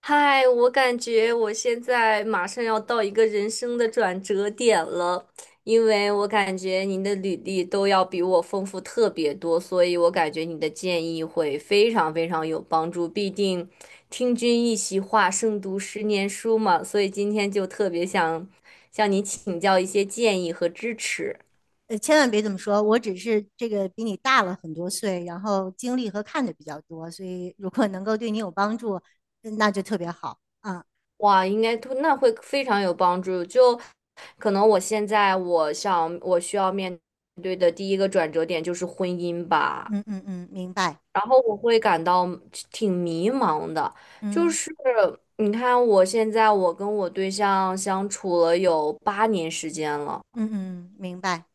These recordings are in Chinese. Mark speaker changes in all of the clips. Speaker 1: 嗨，我感觉我现在马上要到一个人生的转折点了，因为我感觉您的履历都要比我丰富特别多，所以我感觉你的建议会非常非常有帮助。毕竟听君一席话，胜读十年书嘛，所以今天就特别想向您请教一些建议和支持。
Speaker 2: 千万别这么说，我只是这个比你大了很多岁，然后经历和看的比较多，所以如果能够对你有帮助，那就特别好啊。
Speaker 1: 哇，应该都那会非常有帮助。就可能我现在我想我需要面对的第一个转折点就是婚姻吧，
Speaker 2: 嗯嗯嗯，明白。
Speaker 1: 然后我会感到挺迷茫的。就
Speaker 2: 嗯
Speaker 1: 是你看，我现在我跟我对象相处了有8年时间了。
Speaker 2: 嗯嗯，明白。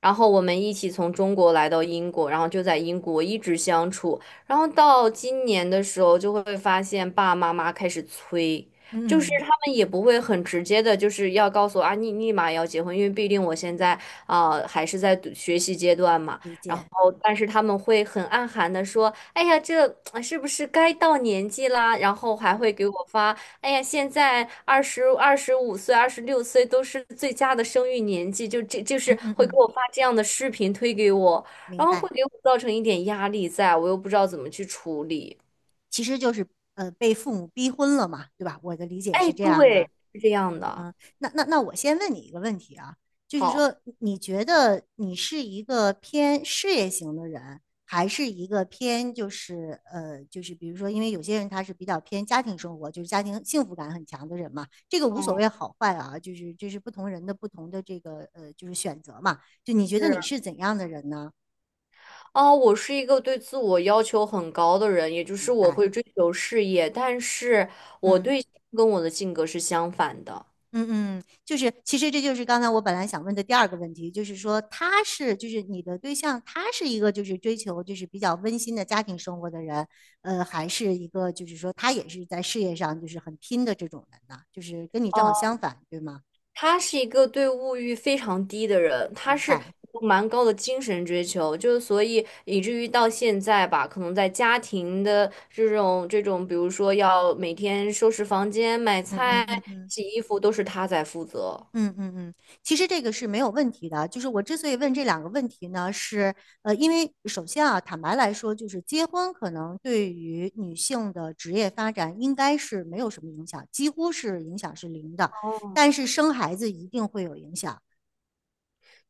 Speaker 1: 然后我们一起从中国来到英国，然后就在英国一直相处。然后到今年的时候，就会发现爸爸妈妈开始催，就是
Speaker 2: 嗯
Speaker 1: 他
Speaker 2: 嗯，
Speaker 1: 们也不会很直接的，就是要告诉我啊，你立马要结婚，因为毕竟我现在还是在读学习阶段嘛。
Speaker 2: 理
Speaker 1: 然
Speaker 2: 解。
Speaker 1: 后，但是他们会很暗含的说，哎呀，这啊是不是该到年纪啦？然后还会
Speaker 2: 嗯
Speaker 1: 给我发哎呀，现在25岁、二十六岁都是最佳的生育年纪，就这就
Speaker 2: 嗯
Speaker 1: 是
Speaker 2: 嗯
Speaker 1: 会给
Speaker 2: 嗯，
Speaker 1: 我发这样的视频推给我，
Speaker 2: 明
Speaker 1: 然后会
Speaker 2: 白。
Speaker 1: 给我造成一点压力在，我又不知道怎么去处理。
Speaker 2: 其实就是被父母逼婚了嘛，对吧？我的理解是
Speaker 1: 哎，
Speaker 2: 这样的。
Speaker 1: 对，是这样的。
Speaker 2: 嗯，那我先问你一个问题啊，就是说，
Speaker 1: 好，
Speaker 2: 你觉得你是一个偏事业型的人，还是一个偏就是就是比如说，因为有些人他是比较偏家庭生活，就是家庭幸福感很强的人嘛，这个无所
Speaker 1: 嗯，
Speaker 2: 谓好坏啊，就是不同人的不同的这个就是选择嘛。就你觉得
Speaker 1: 是
Speaker 2: 你是怎样的人呢？
Speaker 1: 哦，我是一个对自我要求很高的人，也就是
Speaker 2: 明
Speaker 1: 我
Speaker 2: 白？
Speaker 1: 会追求事业，但是我对跟我的性格是相反的。
Speaker 2: 嗯嗯，就是其实这就是刚才我本来想问的第二个问题，就是说他是就是你的对象，他是一个就是追求就是比较温馨的家庭生活的人，还是一个就是说他也是在事业上就是很拼的这种人呢？就是跟你正好相反，对吗？
Speaker 1: 他是一个对物欲非常低的人，他
Speaker 2: 明
Speaker 1: 是
Speaker 2: 白。
Speaker 1: 有蛮高的精神追求，就是所以以至于到现在吧，可能在家庭的这种，比如说要每天收拾房间、买
Speaker 2: 嗯嗯
Speaker 1: 菜、
Speaker 2: 嗯嗯。
Speaker 1: 洗衣服，都是他在负责。
Speaker 2: 嗯嗯嗯，其实这个是没有问题的。就是我之所以问这两个问题呢，是因为首先啊，坦白来说，就是结婚可能对于女性的职业发展应该是没有什么影响，几乎是影响是零的。但是生孩子一定会有影响。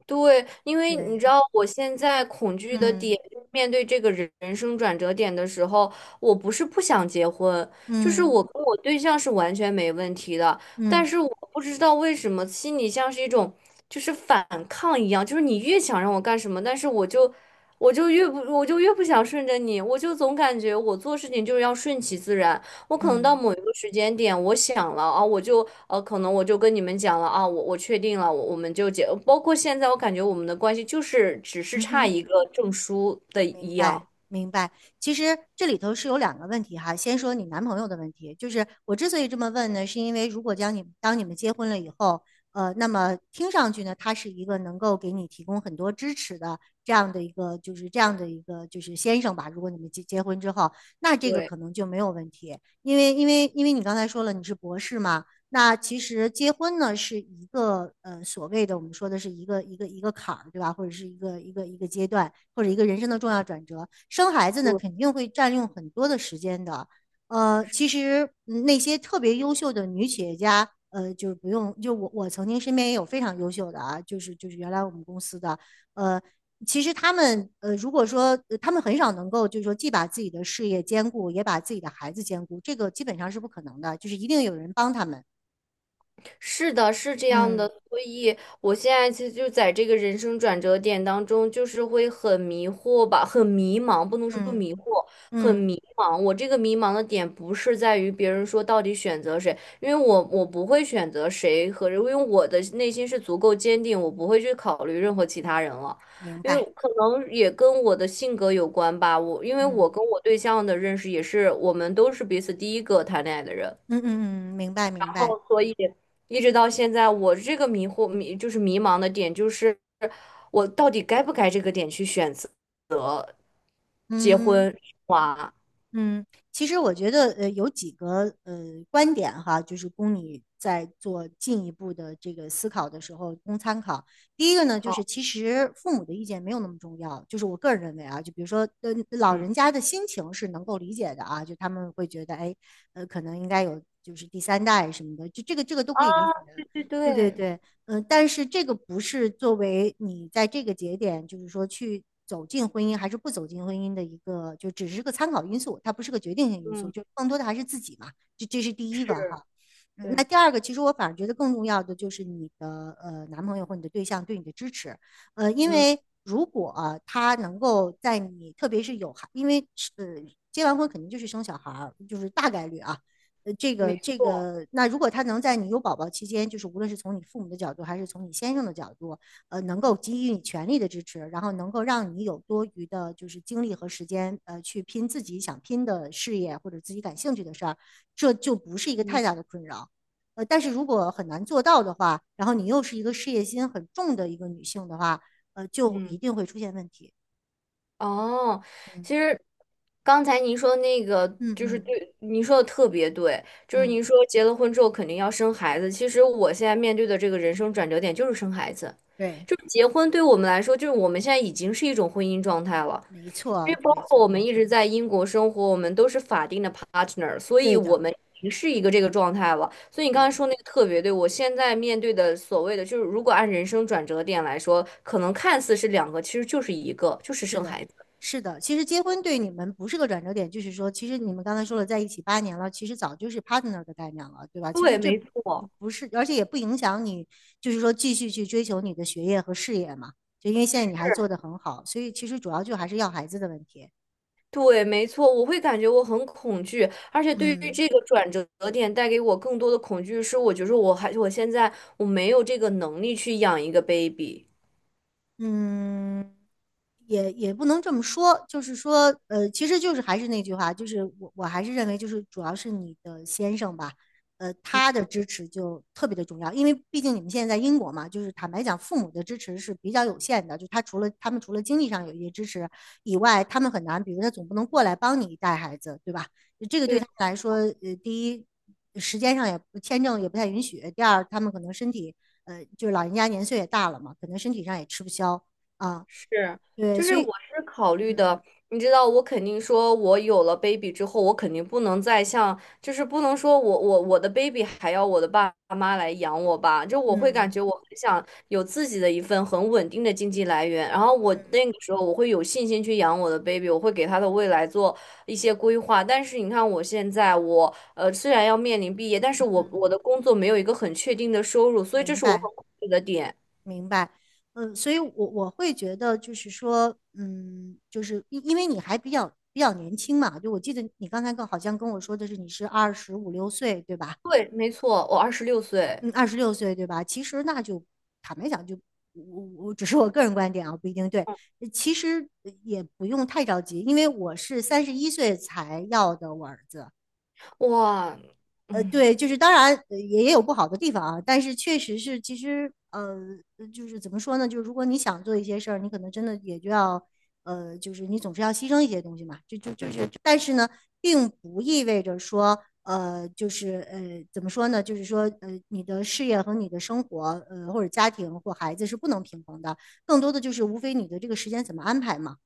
Speaker 1: 对，因为你知
Speaker 2: 对。
Speaker 1: 道，我现在恐惧的
Speaker 2: 嗯
Speaker 1: 点，就是面对这个生转折点的时候，我不是不想结婚，就是
Speaker 2: 嗯
Speaker 1: 我跟我对象是完全没问题的，
Speaker 2: 嗯
Speaker 1: 但是我不知道为什么心里像是一种就是反抗一样，就是你越想让我干什么，但是我就越不想顺着你，我就总感觉我做事情就是要顺其自然，我可能到
Speaker 2: 嗯
Speaker 1: 某一个时间点，我想了啊，我就可能我就跟你们讲了啊，我确定了，我们就结。包括现在，我感觉我们的关系就是只是
Speaker 2: 嗯
Speaker 1: 差
Speaker 2: 哼。
Speaker 1: 一个证书的
Speaker 2: 明
Speaker 1: 一
Speaker 2: 白，
Speaker 1: 样。
Speaker 2: 明白。其实这里头是有两个问题哈。先说你男朋友的问题，就是我之所以这么问呢，是因为如果将你当你们结婚了以后，那么听上去呢，他是一个能够给你提供很多支持的这样的一个，就是这样的一个就是先生吧。如果你们结婚之后，那这个
Speaker 1: 对，
Speaker 2: 可能就没有问题，因为你刚才说了你是博士嘛，那其实结婚呢是一个所谓的我们说的是一个坎儿，对吧？或者是一个阶段，或者一个人生的重要转折。生孩子呢肯定会占用很多的时间的。其实嗯那些特别优秀的女企业家，就是不用，就我曾经身边也有非常优秀的啊，就是原来我们公司的，呃，其实他们如果说他们很少能够，就是说既把自己的事业兼顾，也把自己的孩子兼顾，这个基本上是不可能的，就是一定有人帮他们。
Speaker 1: 是的，是这样的，
Speaker 2: 嗯
Speaker 1: 所以我现在其实就在这个人生转折点当中，就是会很迷惑吧，很迷茫，不能说
Speaker 2: 嗯
Speaker 1: 迷惑，很
Speaker 2: 嗯，
Speaker 1: 迷茫。我这个迷茫的点不是在于别人说到底选择谁，因为我不会选择谁和人因为我的内心是足够坚定，我不会去考虑任何其他人了。
Speaker 2: 明
Speaker 1: 因
Speaker 2: 白。
Speaker 1: 为可能也跟我的性格有关吧，我因为我
Speaker 2: 嗯
Speaker 1: 跟我对象的认识也是，我们都是彼此第一个谈恋爱的人。
Speaker 2: 嗯嗯嗯，明白明白。
Speaker 1: 哦，所以一直到现在，我这个迷惑迷就是迷茫的点，就是我到底该不该这个点去选择结
Speaker 2: 嗯
Speaker 1: 婚生娃？
Speaker 2: 嗯，其实我觉得有几个观点哈，就是供你在做进一步的这个思考的时候供参考。第一个呢，就是
Speaker 1: 好，
Speaker 2: 其实父母的意见没有那么重要，就是我个人认为啊，就比如说老
Speaker 1: 嗯
Speaker 2: 人家的心情是能够理解的啊，就他们会觉得哎,可能应该有就是第三代什么的，就这个这个都
Speaker 1: 啊，
Speaker 2: 可以理解。
Speaker 1: 对
Speaker 2: 对对
Speaker 1: 对，
Speaker 2: 对，但是这个不是作为你在这个节点，就是说去走进婚姻还是不走进婚姻的一个，就只是个参考因素，它不是个决定性因素，
Speaker 1: 嗯
Speaker 2: 就更多的还是自己嘛，这是第一个哈。
Speaker 1: 是，
Speaker 2: 嗯那
Speaker 1: 对，
Speaker 2: 第二个，其实我反而觉得更重要的就是你的男朋友或你的对象对你的支持，因
Speaker 1: 嗯
Speaker 2: 为如果、啊他能够在你特别是有孩，因为是结完婚肯定就是生小孩儿，就是大概率啊，这
Speaker 1: 没
Speaker 2: 个这
Speaker 1: 错，
Speaker 2: 个，那如果他能在你有宝宝期间，就是无论是从你父母的角度，还是从你先生的角度，能够给予你全力的支持，然后能够让你有多余的，就是精力和时间，去拼自己想拼的事业或者自己感兴趣的事儿，这就不是一个太大
Speaker 1: 嗯
Speaker 2: 的困扰。但是如果很难做到的话，然后你又是一个事业心很重的一个女性的话，就一
Speaker 1: 嗯。
Speaker 2: 定会出现问题。
Speaker 1: 哦，
Speaker 2: 嗯
Speaker 1: 其实刚才您说那个
Speaker 2: 嗯
Speaker 1: 就是
Speaker 2: 嗯
Speaker 1: 对，您说的特别对，就是
Speaker 2: 嗯，
Speaker 1: 您说结了婚之后肯定要生孩子。其实我现在面对的这个人生转折点就是生孩子，
Speaker 2: 对，
Speaker 1: 就是结婚对我们来说，就是我们现在已经是一种婚姻状态了，
Speaker 2: 没
Speaker 1: 因
Speaker 2: 错，
Speaker 1: 为包
Speaker 2: 没
Speaker 1: 括我
Speaker 2: 错，
Speaker 1: 们一直在英国生活，我们都是法定的 partner，所以
Speaker 2: 对
Speaker 1: 我
Speaker 2: 的，
Speaker 1: 们已经是一个这个状态了。所以你刚才
Speaker 2: 对。
Speaker 1: 说那个特别对，我现在面对的所谓的就是，如果按人生转折点来说，可能看似是两个，其实就是一个，就是
Speaker 2: 是
Speaker 1: 生
Speaker 2: 的，
Speaker 1: 孩子。
Speaker 2: 是的。其实结婚对你们不是个转折点，就是说，其实你们刚才说了在一起8年了，其实早就是 partner 的概念了，对吧？其实
Speaker 1: 对，
Speaker 2: 这
Speaker 1: 没
Speaker 2: 不
Speaker 1: 错，
Speaker 2: 不是，而且也不影响你，就是说继续去追求你的学业和事业嘛。就因为现在你还做得很好，所以其实主要就还是要孩子的问题。
Speaker 1: 对，没错，我会感觉我很恐惧，而且对于
Speaker 2: 嗯。
Speaker 1: 这个转折点带给我更多的恐惧是，我觉得我还我现在没有这个能力去养一个 baby。
Speaker 2: 嗯，也不能这么说，就是说，其实就是还是那句话，就是我还是认为，就是主要是你的先生吧，他的支持就特别的重要，因为毕竟你们现在在英国嘛，就是坦白讲，父母的支持是比较有限的，就他除了他们除了经济上有一些支持以外，他们很难，比如他总不能过来帮你带孩子，对吧？这个对
Speaker 1: 对。
Speaker 2: 他们来说，第一，时间上也签证也不太允许；第二，他们可能身体，就是老人家年岁也大了嘛，可能身体上也吃不消啊。
Speaker 1: 是，
Speaker 2: 对，
Speaker 1: 就
Speaker 2: 所
Speaker 1: 是我
Speaker 2: 以，
Speaker 1: 是考虑
Speaker 2: 嗯
Speaker 1: 的，你知道，我肯定说，我有了 baby 之后，我肯定不能再像，就是不能说我的 baby 还要我的爸妈来养我吧，就我会感觉
Speaker 2: 嗯
Speaker 1: 我很想有自己的一份很稳定的经济来源，然后我
Speaker 2: 嗯
Speaker 1: 那个时候我会有信心去养我的 baby，我会给他的未来做一些规划。但是你看我现在我，虽然要面临毕业，但是我
Speaker 2: 嗯，
Speaker 1: 我的工作没有一个很确定的收入，所以这
Speaker 2: 明
Speaker 1: 是我
Speaker 2: 白
Speaker 1: 很恐惧的点。
Speaker 2: 明白。嗯，所以我会觉得就是说，嗯，就是因为你还比较年轻嘛，就我记得你刚才跟好像跟我说的是你是25、6岁，对吧？
Speaker 1: 对，没错，我二十六岁。
Speaker 2: 嗯，26岁对吧？其实那就坦白讲就，我只是我个人观点啊，不一定对。其实也不用太着急，因为我是31岁才要的我儿子，
Speaker 1: 哇，嗯，
Speaker 2: 对，就是当然也有不好的地方啊，但是确实是，其实就是怎么说呢？就是如果你想做一些事儿，你可能真的也就要就是你总是要牺牲一些东西嘛，就是，但是呢，并不意味着说就是怎么说呢？就是说你的事业和你的生活或者家庭或孩子是不能平衡的，更多的就是无非你的这个时间怎么安排嘛。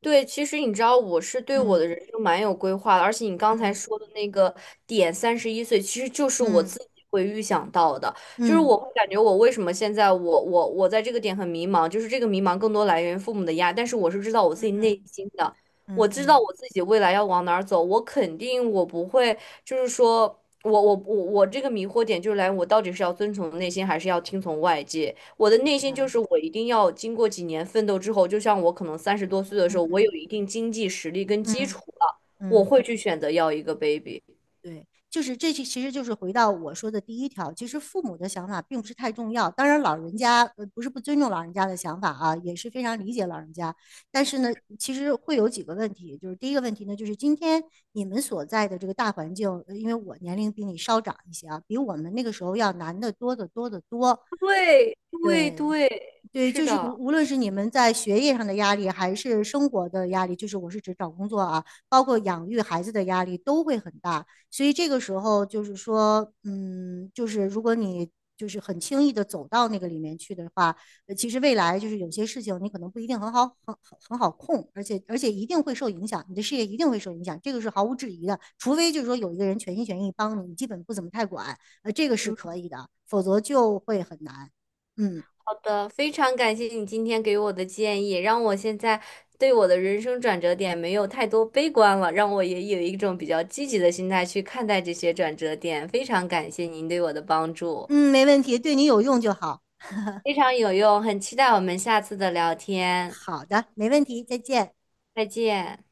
Speaker 1: 对，其实你知道，我是对我的人
Speaker 2: 嗯
Speaker 1: 生蛮有规划的，而且你刚才
Speaker 2: 嗯
Speaker 1: 说的那个点，31岁，其实就是我
Speaker 2: 嗯
Speaker 1: 自己会预想到的，就是
Speaker 2: 嗯
Speaker 1: 我会感觉我为什么现在我我我在这个点很迷茫，就是这个迷茫更多来源于父母的压力，但是我是知道我自
Speaker 2: 嗯
Speaker 1: 己内
Speaker 2: 嗯
Speaker 1: 心的，我
Speaker 2: 嗯
Speaker 1: 知道
Speaker 2: 嗯，
Speaker 1: 我自己未来要往哪儿走，我肯定我不会，就是说我这个迷惑点就是来源于我到底是要遵从内心，还是要听从外界。我的
Speaker 2: 明
Speaker 1: 内心就
Speaker 2: 白。
Speaker 1: 是我一定要经过几年奋斗之后，就像我可能30多岁的时
Speaker 2: 嗯
Speaker 1: 候，我有
Speaker 2: 嗯
Speaker 1: 一定经济实力跟基础
Speaker 2: 嗯。
Speaker 1: 了，我
Speaker 2: 嗯，
Speaker 1: 会去选择要一个 baby。
Speaker 2: 对，就是这其实就是回到我说的第一条，其实父母的想法并不是太重要。当然，老人家不是不尊重老人家的想法啊，也是非常理解老人家。但是呢，其实会有几个问题，就是第一个问题呢，就是今天你们所在的这个大环境，因为我年龄比你稍长一些啊，比我们那个时候要难得多得多得多。
Speaker 1: 对对
Speaker 2: 对，
Speaker 1: 对，
Speaker 2: 对，
Speaker 1: 是
Speaker 2: 就是
Speaker 1: 的，
Speaker 2: 无论是你们在学业上的压力，还是生活的压力，就是我是指找工作啊，包括养育孩子的压力都会很大。所以这个时候就是说，嗯，就是如果你就是很轻易的走到那个里面去的话，其实未来就是有些事情你可能不一定很好很好控，而且一定会受影响，你的事业一定会受影响，这个是毫无质疑的。除非就是说有一个人全心全意帮你，你基本不怎么太管，这个是可以的，否则就会很难。嗯。
Speaker 1: 好的，非常感谢你今天给我的建议，让我现在对我的人生转折点没有太多悲观了，让我也有一种比较积极的心态去看待这些转折点。非常感谢您对我的帮助，
Speaker 2: 嗯，没问题，对你有用就好。
Speaker 1: 非常有用，很期待我们下次的聊天，
Speaker 2: 好的，没问题，再见。
Speaker 1: 再见。